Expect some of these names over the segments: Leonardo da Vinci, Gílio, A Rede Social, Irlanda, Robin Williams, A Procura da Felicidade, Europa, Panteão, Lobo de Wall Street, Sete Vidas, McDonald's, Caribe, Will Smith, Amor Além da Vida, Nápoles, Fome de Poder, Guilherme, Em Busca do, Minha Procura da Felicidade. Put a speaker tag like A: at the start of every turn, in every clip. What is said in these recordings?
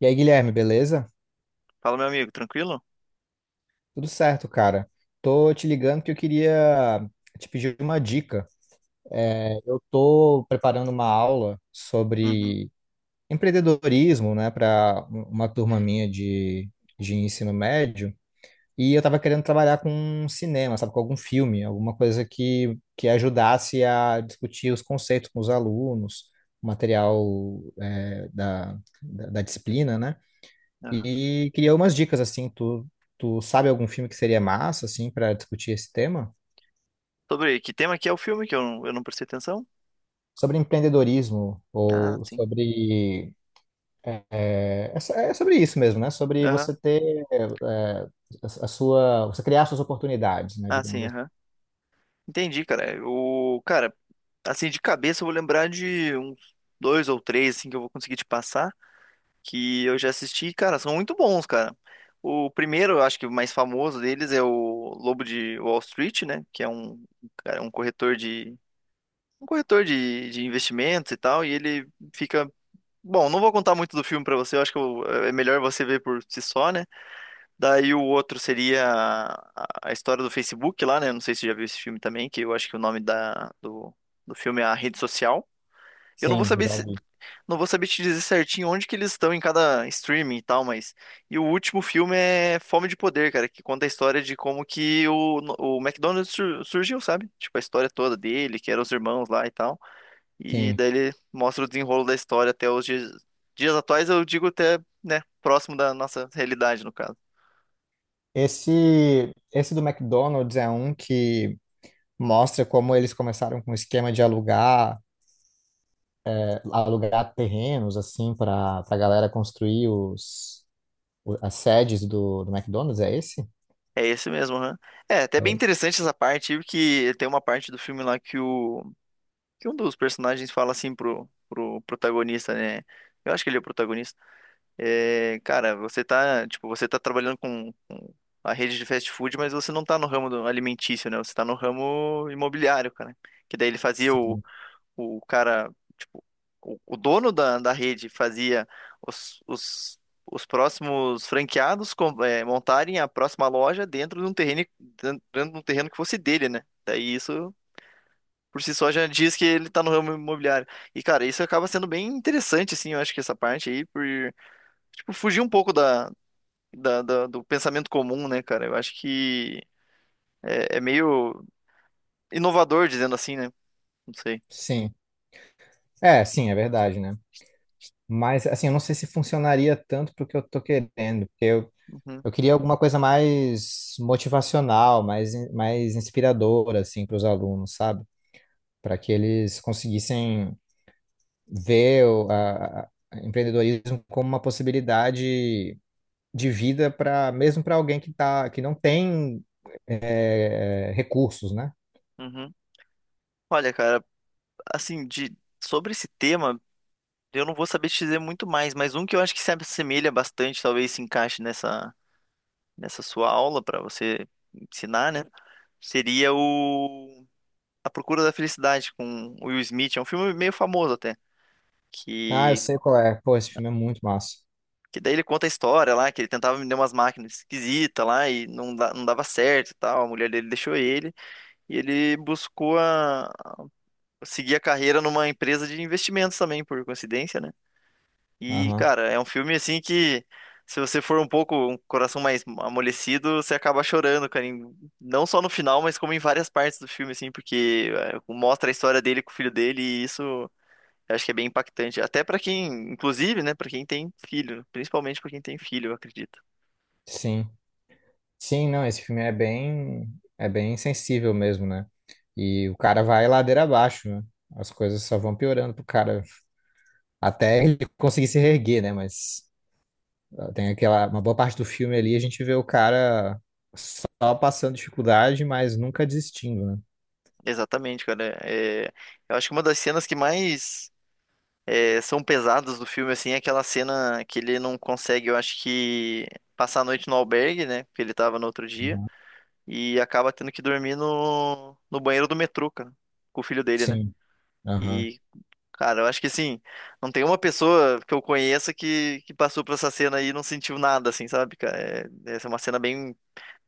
A: E aí, Guilherme, beleza?
B: Fala, meu amigo, tranquilo?
A: Tudo certo, cara. Tô te ligando que eu queria te pedir uma dica. Eu tô preparando uma aula
B: Uhum,
A: sobre empreendedorismo, né, para uma turma minha de ensino médio. E eu tava querendo trabalhar com cinema, sabe, com algum filme, alguma coisa que ajudasse a discutir os conceitos com os alunos, o material, da, da disciplina, né?
B: aham.
A: E queria umas dicas assim, tu sabe algum filme que seria massa assim para discutir esse tema?
B: Sobre que tema que é o filme que eu não prestei atenção?
A: Sobre empreendedorismo
B: Ah,
A: ou
B: sim.
A: sobre é sobre isso mesmo, né? Sobre
B: Aham.
A: você ter a sua, você criar suas oportunidades, né?
B: Ah,
A: Digamos
B: sim,
A: assim.
B: aham. Entendi, cara. O cara, assim, de cabeça eu vou lembrar de uns dois ou três assim que eu vou conseguir te passar, que eu já assisti, cara, são muito bons, cara. O primeiro, eu acho que o mais famoso deles é o Lobo de Wall Street, né, que é um, cara, um corretor de investimentos e tal, e ele fica. Bom, não vou contar muito do filme pra você, eu acho que é melhor você ver por si só, né? Daí o outro seria a história do Facebook lá, né? Não sei se você já viu esse filme também, que eu acho que o nome do filme é A Rede Social. Eu não vou
A: Sim, eu
B: saber
A: já
B: se-
A: vi.
B: Não vou saber te dizer certinho onde que eles estão em cada streaming e tal. Mas e o último filme é Fome de Poder, cara, que conta a história de como que o McDonald's surgiu, sabe? Tipo a história toda dele, que eram os irmãos lá e tal. E
A: Sim.
B: daí ele mostra o desenrolo da história até os dias atuais, eu digo até, né, próximo da nossa realidade, no caso.
A: Esse do McDonald's é um que mostra como eles começaram com o esquema de alugar terrenos assim para a galera construir as sedes do McDonald's, é esse?
B: É esse mesmo, né? É, até bem
A: É,
B: interessante essa parte, porque tem uma parte do filme lá que o que um dos personagens fala assim pro, pro protagonista, né? Eu acho que ele é o protagonista. É, cara, você tá, tipo, você tá trabalhando com a rede de fast food, mas você não tá no ramo alimentício, né? Você tá no ramo imobiliário, cara. Que daí ele fazia o
A: sim.
B: cara, tipo, o dono da rede fazia os, os, os próximos franqueados montarem a próxima loja dentro de um terreno, que fosse dele, né? Daí isso por si só já diz que ele tá no ramo imobiliário. E, cara, isso acaba sendo bem interessante, assim, eu acho que essa parte aí, tipo, fugir um pouco do pensamento comum, né, cara? Eu acho que é meio inovador, dizendo assim, né? Não sei.
A: Sim. É, sim, é verdade, né? Mas, assim, eu não sei se funcionaria tanto porque eu tô querendo,
B: Uhum,
A: eu queria alguma coisa mais motivacional, mais inspiradora, assim, para os alunos, sabe? Para que eles conseguissem ver a empreendedorismo como uma possibilidade de vida para mesmo para alguém que tá, que não tem recursos, né?
B: uhum. Olha, cara, assim, de sobre esse tema, eu não vou saber te dizer muito mais, mas um que eu acho que se assemelha bastante, talvez se encaixe nessa sua aula para você ensinar, né? Seria o A Procura da Felicidade com o Will Smith, é um filme meio famoso até,
A: Ah, eu
B: que
A: sei qual é. Pô, esse filme é muito massa.
B: que daí ele conta a história lá, que ele tentava vender umas máquinas esquisitas lá e não, não dava certo e tal, a mulher dele deixou ele e ele buscou seguir a carreira numa empresa de investimentos também, por coincidência, né? E,
A: Aham.
B: cara, é um filme assim que se você for um pouco um coração mais amolecido, você acaba chorando, cara, não só no final, mas como em várias partes do filme assim, porque mostra a história dele com o filho dele e isso eu acho que é bem impactante, até pra quem, inclusive, né, pra quem tem filho, principalmente pra quem tem filho, eu acredito.
A: Sim. Sim, não, esse filme é bem sensível mesmo, né? E o cara vai ladeira abaixo, né? As coisas só vão piorando pro cara até ele conseguir se reerguer, né? Mas tem aquela uma boa parte do filme ali a gente vê o cara só passando dificuldade, mas nunca desistindo, né?
B: Exatamente, cara. É, eu acho que uma das cenas que mais são pesadas do filme assim é aquela cena que ele não consegue, eu acho que passar a noite no albergue, né, porque ele tava no outro dia, e acaba tendo que dormir no banheiro do metrô, cara, com o filho dele, né?
A: Sim. Aham.
B: E, cara, eu acho que assim, não tem uma pessoa que eu conheça que passou por essa cena aí e não sentiu nada, assim, sabe, cara? É, essa é uma cena bem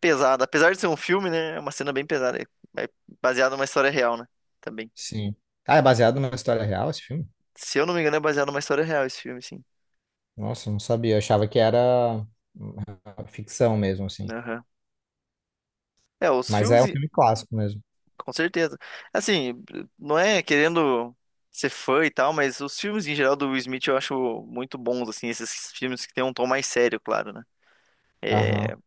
B: pesada. Apesar de ser um filme, né? É uma cena bem pesada. É baseado numa história real, né? Também.
A: Sim. Ah, é baseado numa história real esse filme?
B: Se eu não me engano, é baseado numa história real esse filme, sim.
A: Nossa, não sabia, eu achava que era ficção mesmo assim.
B: Aham. É, os
A: Mas é um
B: filmes.
A: filme clássico mesmo.
B: Com certeza. Assim, não é querendo ser fã e tal, mas os filmes em geral do Will Smith eu acho muito bons, assim, esses filmes que tem um tom mais sério, claro, né?
A: Aham.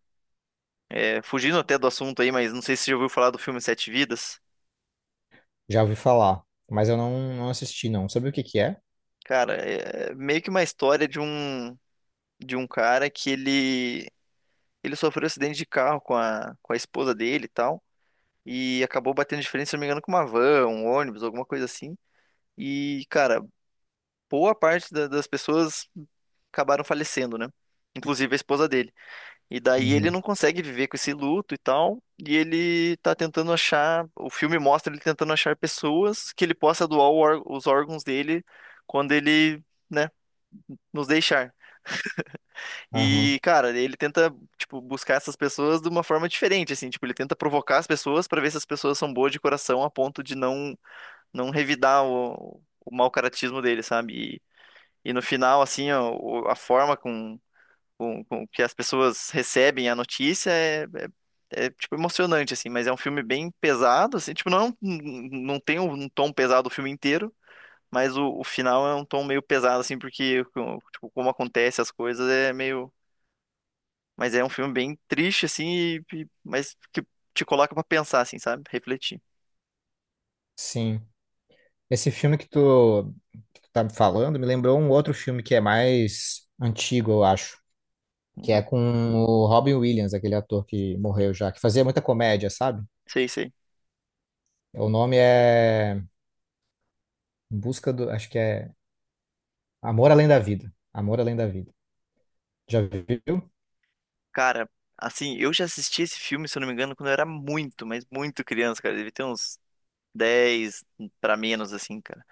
B: É, fugindo até do assunto aí, mas não sei se você já ouviu falar do filme Sete Vidas.
A: Já ouvi falar, mas eu não, não assisti, não. Sabe o que que é?
B: Cara, é meio que uma história de um cara que ele sofreu um acidente de carro com a esposa dele e tal, e acabou batendo de frente, se não me engano, com uma van, um ônibus, alguma coisa assim. E, cara, boa parte das pessoas acabaram falecendo, né? Inclusive a esposa dele. E daí ele
A: Uhum.
B: não consegue viver com esse luto e tal. E ele tá tentando achar. O filme mostra ele tentando achar pessoas que ele possa doar os órgãos dele quando ele, né, nos deixar.
A: Aham.
B: E, cara, ele tenta, tipo, buscar essas pessoas de uma forma diferente, assim. Tipo, ele tenta provocar as pessoas pra ver se as pessoas são boas de coração a ponto de não revidar o mau caratismo dele, sabe? E no final, assim, ó, o- a forma com que as pessoas recebem a notícia tipo, emocionante, assim. Mas é um filme bem pesado, assim. Tipo, não, não tem um tom pesado o filme inteiro, mas o final é um tom meio pesado, assim, porque, com- tipo, como acontece as coisas é meio. Mas é um filme bem triste, assim, mas que te coloca pra pensar, assim, sabe? Refletir.
A: Sim. Esse filme que tu tá me falando me lembrou um outro filme que é mais antigo, eu acho. Que é
B: Uhum.
A: com o Robin Williams, aquele ator que morreu já, que fazia muita comédia, sabe?
B: Sei, sei.
A: O nome é Em Busca do. Acho que é Amor Além da Vida. Amor Além da Vida. Já viu?
B: Cara, assim, eu já assisti esse filme, se eu não me engano, quando eu era muito, mas muito criança, cara. Deve ter uns 10 pra menos, assim, cara.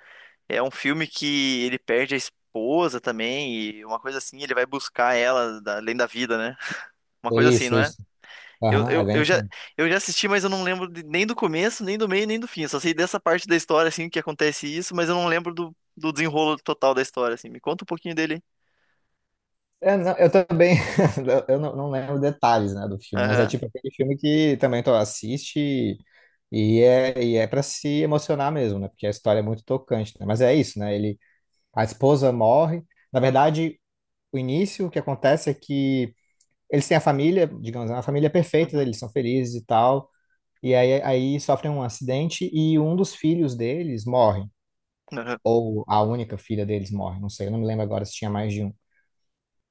B: É um filme que ele perde a esposa também, e uma coisa assim, ele vai buscar ela além da vida, né? Uma coisa assim,
A: Isso,
B: não é?
A: isso.
B: Eu,
A: Aham, é
B: eu,
A: bem
B: eu já,
A: isso.
B: eu já assisti, mas eu não lembro nem do começo, nem do meio, nem do fim. Eu só sei dessa parte da história, assim, que acontece isso, mas eu não lembro do desenrolo total da história, assim. Me conta um pouquinho dele, hein?
A: É, não, eu também, eu não, não lembro detalhes, né, do filme, mas é
B: Aham,
A: tipo aquele filme que também tu assiste e e é para se emocionar mesmo, né, porque a história é muito tocante, né, mas é isso, né, ele, a esposa morre, na verdade, o início, o que acontece é que eles têm a família, digamos, a família perfeita,
B: uhum,
A: eles são felizes e tal, aí sofrem um acidente e um dos filhos deles morre,
B: aham,
A: ou a única filha deles morre, não sei, eu não me lembro agora se tinha mais de um.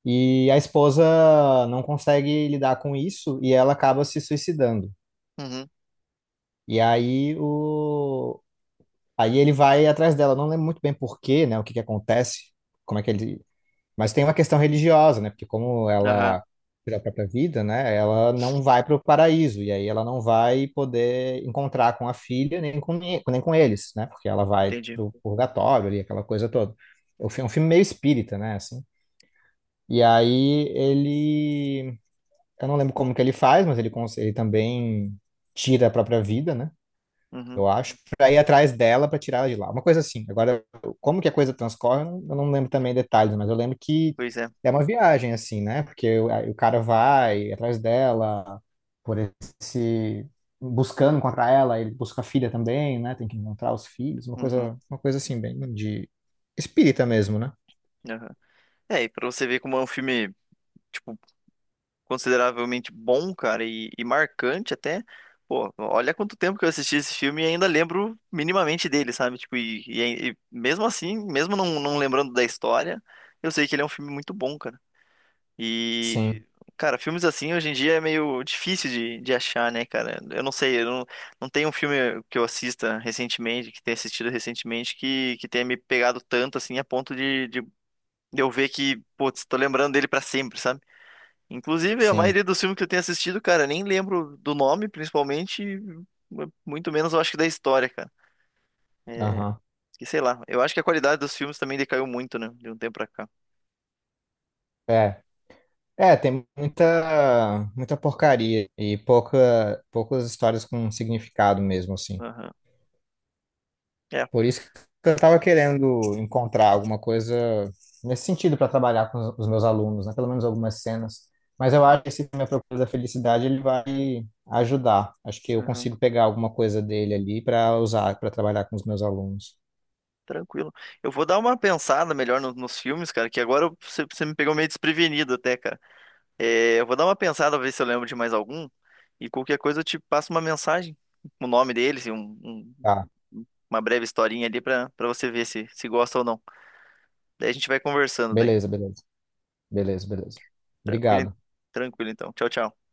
A: E a esposa não consegue lidar com isso e ela acaba se suicidando.
B: uhum,
A: E aí o Aí ele vai atrás dela, não lembro muito bem por quê, né, o que que acontece, como é que ele, mas tem uma questão religiosa, né, porque como
B: aham,
A: ela tirou a própria vida, né, ela não vai para o paraíso e aí ela não vai poder encontrar com a filha nem com nem com eles, né, porque ela vai
B: entendi.
A: para o purgatório ali, aquela coisa toda. É um filme meio espírita, né, assim. E aí ele Eu não lembro como que ele faz, mas ele também tira a própria vida, né?
B: Uhum,
A: Eu acho, pra ir atrás dela, pra tirar ela de lá. Uma coisa assim. Agora, como que a coisa transcorre, eu não lembro também detalhes, mas eu lembro que
B: pois é.
A: é uma viagem, assim, né? Porque o, aí o cara vai atrás dela, por esse... buscando encontrar ela, ele busca a filha também, né? Tem que encontrar os filhos,
B: Uhum,
A: uma coisa assim, bem de espírita mesmo, né?
B: aham. É, e pra você ver como é um filme, tipo, consideravelmente bom, cara, e marcante até. Pô, olha quanto tempo que eu assisti esse filme e ainda lembro minimamente dele, sabe? Tipo, e mesmo assim, mesmo não, não lembrando da história, eu sei que ele é um filme muito bom, cara. E,
A: Sim,
B: cara, filmes assim hoje em dia é meio difícil de achar, né, cara? Eu não sei, eu não, não tem um filme que eu assista recentemente, que tenha assistido recentemente, que tenha me pegado tanto, assim, a ponto de eu ver que, putz, tô lembrando dele pra sempre, sabe? Inclusive, a
A: sim.
B: maioria dos filmes que eu tenho assistido, cara, nem lembro do nome, principalmente, e muito menos eu acho que da história, cara. É,
A: Aham.
B: que sei lá, eu acho que a qualidade dos filmes também decaiu muito, né, de um tempo pra cá.
A: É, é, tem muita porcaria e poucas histórias com significado mesmo, assim.
B: Aham. É,
A: Por isso que eu tava querendo encontrar alguma coisa nesse sentido para trabalhar com os meus alunos, né? Pelo menos algumas cenas. Mas eu acho que esse Minha Procura da Felicidade ele vai ajudar. Acho que eu
B: aham.
A: consigo pegar alguma coisa dele ali para usar, para trabalhar com os meus alunos.
B: Tranquilo. Eu vou dar uma pensada melhor nos filmes, cara, que agora você me pegou meio desprevenido até, cara. É, eu vou dar uma pensada, ver se eu lembro de mais algum, e qualquer coisa eu te passo uma mensagem, o nome deles e
A: Tá,
B: uma breve historinha ali pra você ver se, gosta ou não. Daí a gente vai conversando daí.
A: beleza, beleza, beleza, beleza.
B: Tranquilo,
A: Obrigado.
B: tranquilo então. Tchau, tchau.